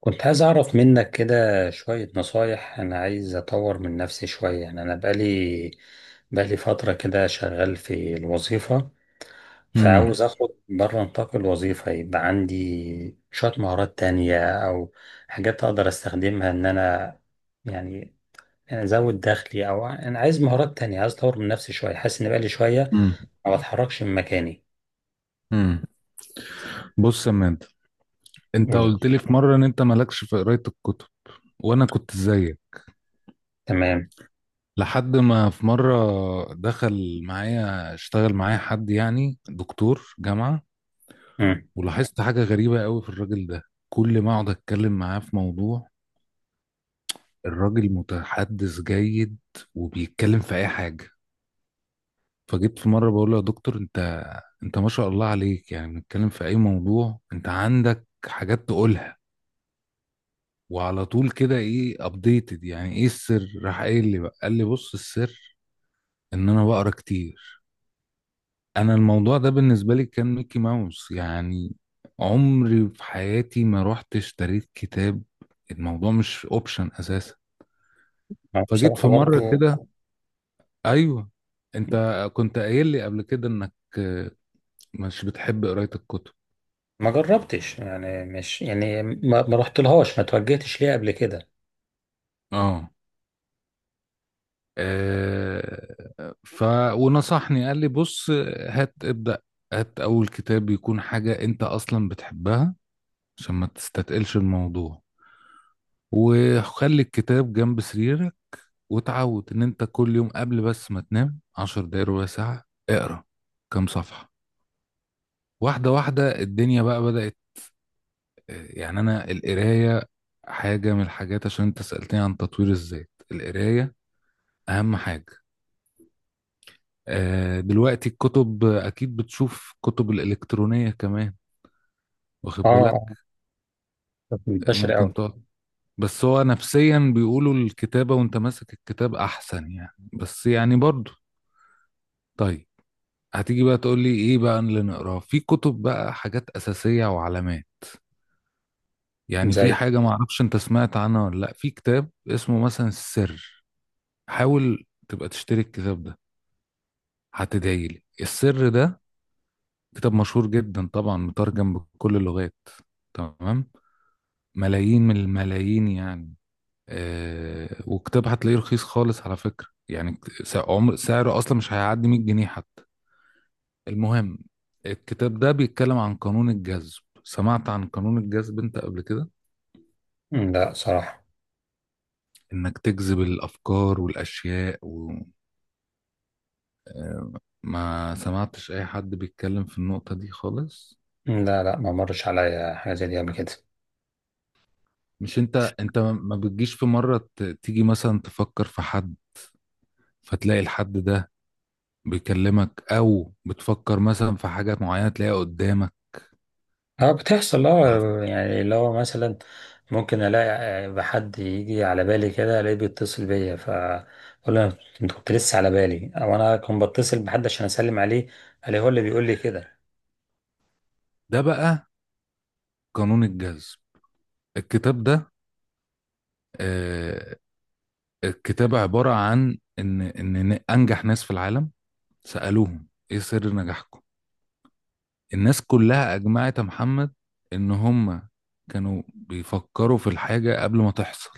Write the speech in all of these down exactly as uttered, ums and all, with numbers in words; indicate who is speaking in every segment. Speaker 1: كنت عايز أعرف منك كده شوية نصايح. أنا عايز أطور من نفسي شوية، يعني أنا بقالي بقالي فترة كده شغال في الوظيفة،
Speaker 2: امم
Speaker 1: فعاوز أخد بره نطاق الوظيفة يبقى عندي شوية مهارات تانية أو حاجات أقدر أستخدمها إن أنا يعني أزود دخلي، أو أنا عايز مهارات تانية، عايز أطور من نفسي شوية. حاسس إن بقالي شوية
Speaker 2: امم
Speaker 1: ما بتحركش من مكاني.
Speaker 2: امم بص يا مان، انت
Speaker 1: أولى.
Speaker 2: قلت لي في مره ان انت مالكش في قرايه الكتب. وانا كنت زيك
Speaker 1: تمام.
Speaker 2: لحد ما في مره دخل معايا، اشتغل معايا حد يعني دكتور جامعه،
Speaker 1: مم.
Speaker 2: ولاحظت حاجه غريبه قوي في الراجل ده. كل ما اقعد اتكلم معاه في موضوع، الراجل متحدث جيد وبيتكلم في اي حاجه. فجيت في مره بقول له: يا دكتور، انت انت ما شاء الله عليك، يعني بنتكلم في اي موضوع انت عندك حاجات تقولها وعلى طول كده ايه ابديتد، يعني ايه السر؟ راح قايل لي بقى، قال لي بص، السر ان انا بقرا كتير. انا الموضوع ده بالنسبه لي كان ميكي ماوس يعني، عمري في حياتي ما رحت اشتريت كتاب، الموضوع مش اوبشن اساسا. فجيت في
Speaker 1: بصراحة
Speaker 2: مره
Speaker 1: برضو
Speaker 2: كده، ايوه، انت كنت قايل لي قبل كده انك آه، مش بتحب قرايه الكتب.
Speaker 1: ما جربتش، يعني مش يعني ما, ما رحتلهاش، ما توجهتش ليها قبل كده.
Speaker 2: اه آه، ف ونصحني قال لي بص، هات ابدأ، هات أول كتاب يكون حاجة أنت أصلا بتحبها عشان ما تستتقلش الموضوع، وخلي الكتاب جنب سريرك، وتعود إن أنت كل يوم قبل بس ما تنام عشر دقايق، ربع ساعة، اقرأ كام صفحة، واحدة واحدة الدنيا بقى بدأت. يعني أنا القراية حاجة من الحاجات، عشان أنت سألتني عن تطوير الذات، القراية أهم حاجة. آه، دلوقتي الكتب، آه، اكيد بتشوف كتب الالكترونيه كمان،
Speaker 1: اه،
Speaker 2: واخد
Speaker 1: آه،
Speaker 2: بالك؟
Speaker 1: كانت
Speaker 2: آه،
Speaker 1: منتشرة قوي.
Speaker 2: ممكن تقعد، بس هو نفسيا بيقولوا الكتابه وانت ماسك الكتاب احسن، يعني بس يعني برضو طيب. هتيجي بقى تقول لي ايه بقى اللي نقراه في كتب بقى؟ حاجات اساسيه وعلامات. يعني في
Speaker 1: زي.
Speaker 2: حاجه ما اعرفش انت سمعت عنها ولا لا، في كتاب اسمه مثلا السر، حاول تبقى تشتري الكتاب ده، هتدعي لي. السر ده كتاب مشهور جدا طبعا، مترجم بكل اللغات، تمام، ملايين من الملايين يعني. آه، وكتاب هتلاقيه رخيص خالص على فكرة، يعني كت- س- عمر سعره أصلا مش هيعدي مية جنيه حتى. المهم، الكتاب ده بيتكلم عن قانون الجذب. سمعت عن قانون الجذب أنت قبل كده؟
Speaker 1: لا صراحة،
Speaker 2: إنك تجذب الأفكار والأشياء و... آه. ما سمعتش أي حد بيتكلم في النقطة دي خالص.
Speaker 1: لا لا ما مرش عليا حاجة زي دي قبل كده.
Speaker 2: مش أنت أنت ما بتجيش في مرة ت- تيجي مثلا تفكر في حد، فتلاقي الحد ده بيكلمك، او بتفكر مثلا في حاجات معينه تلاقيها قدامك؟
Speaker 1: اه بتحصل، اه يعني اللي هو مثلا ممكن الاقي آه، بحد يجي على بالي كده الاقيه بيتصل بيا، فاقول له انت كنت لسه على بالي، او انا كنت بتصل بحد عشان اسلم عليه الاقيه هو اللي بيقول لي كده.
Speaker 2: ده بقى قانون الجذب. الكتاب ده، آه، الكتاب عباره عن ان ان إن انجح ناس في العالم سالوهم: ايه سر نجاحكم؟ الناس كلها اجمعت يا محمد ان هم كانوا بيفكروا في الحاجه قبل ما تحصل.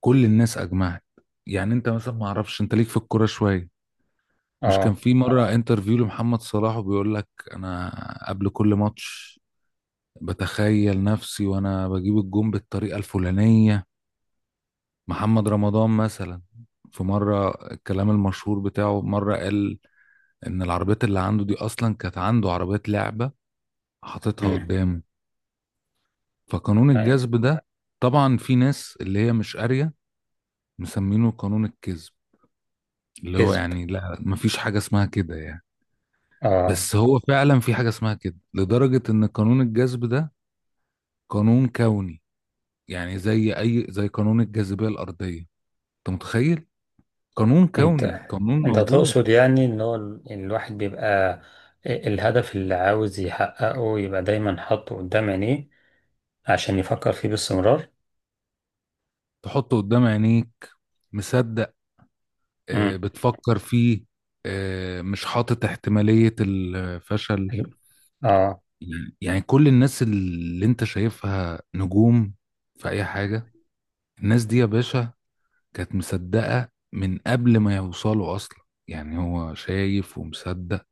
Speaker 2: كل الناس اجمعت. يعني انت مثلا ما اعرفش انت ليك في الكوره شويه، مش كان
Speaker 1: اه.
Speaker 2: في مره انترفيو لمحمد صلاح وبيقول لك: انا قبل كل ماتش بتخيل نفسي وانا بجيب الجون بالطريقة الفلانية. محمد رمضان مثلا في مرة الكلام المشهور بتاعه مرة قال ان العربيات اللي عنده دي اصلا كانت عنده عربيات لعبة حاططها
Speaker 1: امم.
Speaker 2: قدامه. فقانون الجذب ده، طبعا في ناس اللي هي مش قارية مسمينه قانون الكذب، اللي هو
Speaker 1: كذب.
Speaker 2: يعني لا، مفيش حاجة اسمها كده يعني.
Speaker 1: اه.
Speaker 2: بس هو فعلا في حاجة اسمها كده، لدرجة ان قانون الجذب ده قانون كوني. يعني زي اي، زي قانون الجاذبية الارضية، انت متخيل؟ قانون
Speaker 1: انت
Speaker 2: كوني، قانون
Speaker 1: انت
Speaker 2: موجود.
Speaker 1: تقصد يعني ان هو ال- الواحد بيبقى إيه الهدف اللي عاوز يحققه يبقى دايما حاطه قدام عينيه عشان يفكر فيه باستمرار.
Speaker 2: تحطه قدام عينيك، مصدق، آه،
Speaker 1: امم.
Speaker 2: بتفكر فيه، آه، مش حاطط احتمالية الفشل.
Speaker 1: اه.
Speaker 2: يعني كل الناس اللي انت شايفها نجوم في اي حاجة، الناس دي يا باشا كانت مصدقة من قبل ما يوصلوا اصلا، يعني هو شايف ومصدق.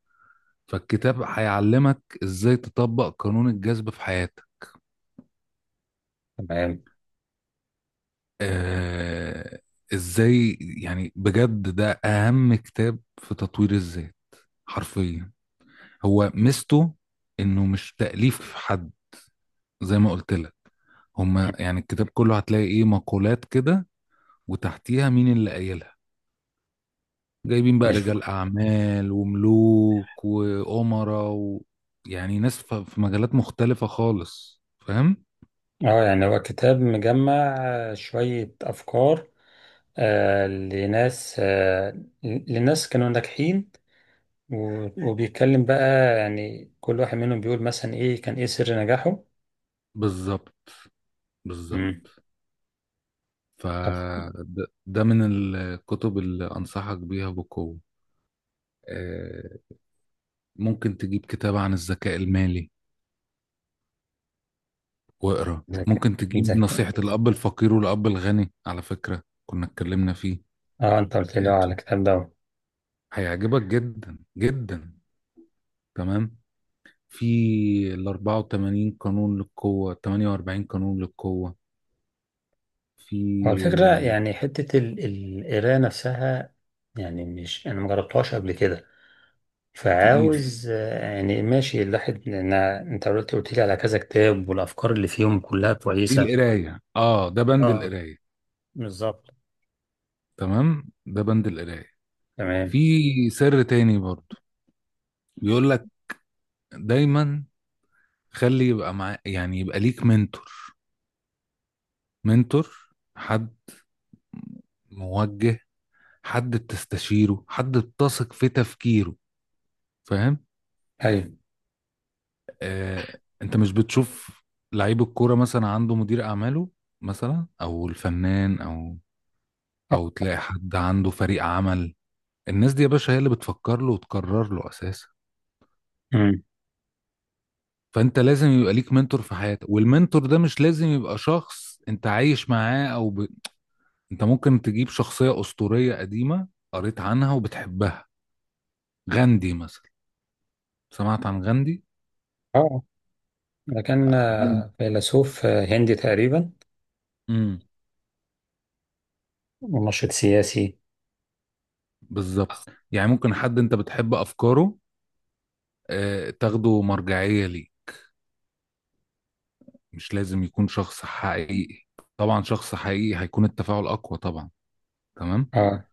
Speaker 2: فالكتاب هيعلمك ازاي تطبق قانون الجذب في حياتك.
Speaker 1: تمام.
Speaker 2: آه، ازاي. يعني بجد ده اهم كتاب في تطوير الذات حرفيا. هو ميزته انه مش تأليف حد، زي ما قلت لك، هما
Speaker 1: مم.
Speaker 2: يعني الكتاب كله هتلاقي ايه مقولات كده وتحتيها مين اللي قايلها، جايبين بقى
Speaker 1: مش.
Speaker 2: رجال اعمال وملوك وامراء و... يعني ناس ف- في مجالات مختلفة خالص، فاهم؟
Speaker 1: اه يعني هو كتاب مجمع آه، شوية أفكار آه لناس، آه لناس كانوا ناجحين، و- وبيتكلم بقى يعني كل واحد منهم بيقول مثلا إيه كان إيه سر نجاحه.
Speaker 2: بالظبط، بالظبط.
Speaker 1: مم. طب.
Speaker 2: فده ده من الكتب اللي انصحك بيها بقوة. آه، ممكن تجيب كتاب عن الذكاء المالي واقرا،
Speaker 1: ذكي.
Speaker 2: ممكن تجيب
Speaker 1: ذكي.
Speaker 2: نصيحة الأب الفقير والأب الغني، على فكرة كنا اتكلمنا فيه.
Speaker 1: اه أنت قلت لي على
Speaker 2: هاته،
Speaker 1: الكتاب ده.
Speaker 2: هيعجبك جدا جدا. تمام. في ال أربعة وتمانين قانون للقوة، تمنية وأربعين قانون للقوة. في،
Speaker 1: هو الفكرة
Speaker 2: آه،
Speaker 1: يعني حتة ال- القراية نفسها، يعني مش أنا مجربتهاش قبل كده،
Speaker 2: تقيل.
Speaker 1: فعاوز آه، يعني ماشي الواحد، لأن أنت قلت قلت لي على كذا كتاب والأفكار اللي فيهم كلها
Speaker 2: دي
Speaker 1: كويسة.
Speaker 2: القراية، اه، ده بند
Speaker 1: اه،
Speaker 2: القراية.
Speaker 1: بالظبط.
Speaker 2: تمام، ده بند القراية. في
Speaker 1: تمام.
Speaker 2: سر تاني برضو بيقول لك: دايما خلي يبقى مع يعني يبقى ليك منتور. منتور، حد موجه، حد بتستشيره، حد بتثق في تفكيره، فاهم؟
Speaker 1: أيوة.
Speaker 2: آه، انت مش بتشوف لعيب الكوره مثلا عنده مدير اعماله مثلا، او الفنان، او او تلاقي حد عنده فريق عمل، الناس دي يا باشا هي اللي بتفكر له وتقرر له اساسا.
Speaker 1: أمم.
Speaker 2: فانت لازم يبقى ليك منتور في حياتك. والمنتور ده مش لازم يبقى شخص انت عايش معاه او ب... انت ممكن تجيب شخصيه اسطوريه قديمه قريت عنها وبتحبها. غاندي مثلا، سمعت عن غاندي؟
Speaker 1: أه، ده كان
Speaker 2: مم.
Speaker 1: آه، فيلسوف آه، هندي تقريبا،
Speaker 2: امم
Speaker 1: ومنشط سياسي.
Speaker 2: بالظبط. يعني ممكن حد انت بتحب افكاره، آه، تاخده مرجعية ليه. مش لازم يكون شخص حقيقي. طبعا شخص حقيقي هيكون التفاعل اقوى طبعا، تمام.
Speaker 1: أه،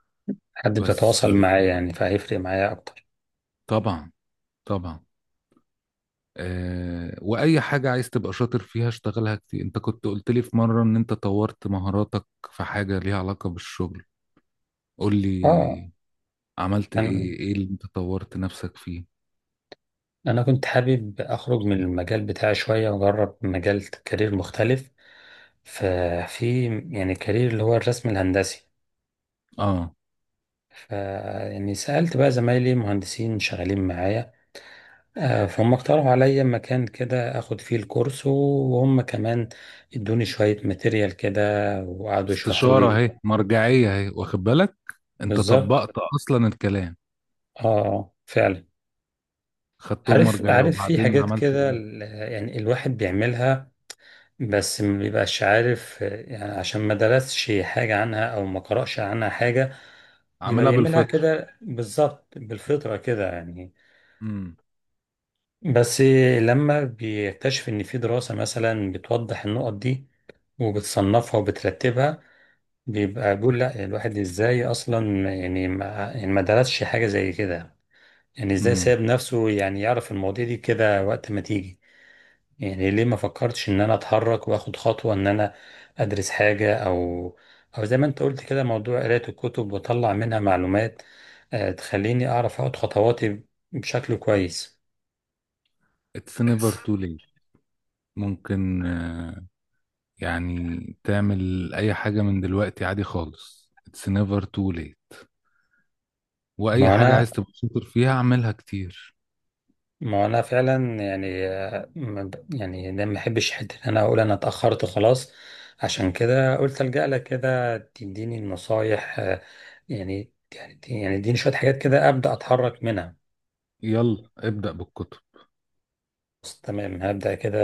Speaker 1: حد
Speaker 2: بس
Speaker 1: بتتواصل
Speaker 2: آه،
Speaker 1: معاه يعني فهيفرق معايا أكتر.
Speaker 2: طبعا، طبعا. أه، واي حاجة عايز تبقى شاطر فيها اشتغلها كتير. انت كنت قلت لي في مرة ان انت طورت مهاراتك في حاجة ليها علاقة بالشغل، قول
Speaker 1: أه.
Speaker 2: لي، عملت
Speaker 1: كان.
Speaker 2: ايه، ايه اللي انت طورت نفسك فيه؟
Speaker 1: أنا كنت حابب أخرج من المجال بتاعي شوية وأجرب مجال كارير مختلف. ففي يعني كارير اللي هو الرسم الهندسي.
Speaker 2: اه،
Speaker 1: ف يعني سألت بقى زمايلي مهندسين شغالين معايا، آه، فهم اقترحوا عليا مكان كده أخد فيه الكورس، وهم كمان ادوني شوية ماتيريال كده وقعدوا يشرحوا
Speaker 2: استشارة
Speaker 1: لي.
Speaker 2: اهي، مرجعية اهي، واخد بالك؟ انت
Speaker 1: بالظبط.
Speaker 2: طبقت اصلا الكلام،
Speaker 1: آه، آه، فعلا.
Speaker 2: خدتهم
Speaker 1: عارف
Speaker 2: مرجعية.
Speaker 1: عارف في
Speaker 2: وبعدين
Speaker 1: حاجات
Speaker 2: عملت
Speaker 1: كده
Speaker 2: ايه؟
Speaker 1: ال- يعني الواحد بيعملها، بس مبيبقاش عارف، يعني عشان ما درسش حاجة عنها أو ما قرأش عنها حاجة، بيبقى
Speaker 2: عاملها
Speaker 1: بيعملها
Speaker 2: بالفطرة.
Speaker 1: كده بالظبط بالفطرة كده يعني.
Speaker 2: امم
Speaker 1: بس لما بيكتشف إن في دراسة مثلا بتوضح النقط دي وبتصنفها وبترتبها، بيبقى بيقول لا الواحد إزاي أصلا يعني ما, يعني ما درسش حاجة زي كده، يعني إزاي
Speaker 2: امم
Speaker 1: ساب نفسه يعني يعرف المواضيع دي كده وقت ما تيجي؟ يعني ليه ما فكرتش ان انا اتحرك واخد خطوة ان انا ادرس حاجة او او زي ما انت قلت كده موضوع قراية الكتب واطلع منها معلومات آه، تخليني اعرف اخد خطواتي بشكل كويس.
Speaker 2: it's never too late. ممكن آه، يعني تعمل اي حاجة من دلوقتي عادي خالص، it's never too late. واي
Speaker 1: ما
Speaker 2: حاجة
Speaker 1: انا
Speaker 2: عايز تبقى شاطر فيها اعملها كتير.
Speaker 1: ما انا فعلا يعني آه، ما ب- يعني ده ما بحبش حته ان انا اقول انا اتاخرت خلاص، عشان كده قلت الجا لك كده تديني النصايح، آه، يعني يعني يعني اديني شويه حاجات كده ابدا اتحرك منها.
Speaker 2: يلا ابدأ بالكتب.
Speaker 1: بس تمام هبدأ كده،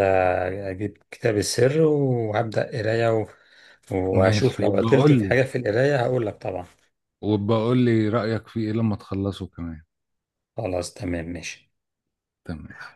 Speaker 1: أجيب كتاب السر وهبدأ قراية و... وأشوف
Speaker 2: ماشي،
Speaker 1: لو عطلت
Speaker 2: وبقول
Speaker 1: في
Speaker 2: لي،
Speaker 1: حاجة في القراية هقول لك طبعا.
Speaker 2: وبقول لي رأيك في ايه لما تخلصه كمان.
Speaker 1: خلاص تمام ماشي.
Speaker 2: تمام.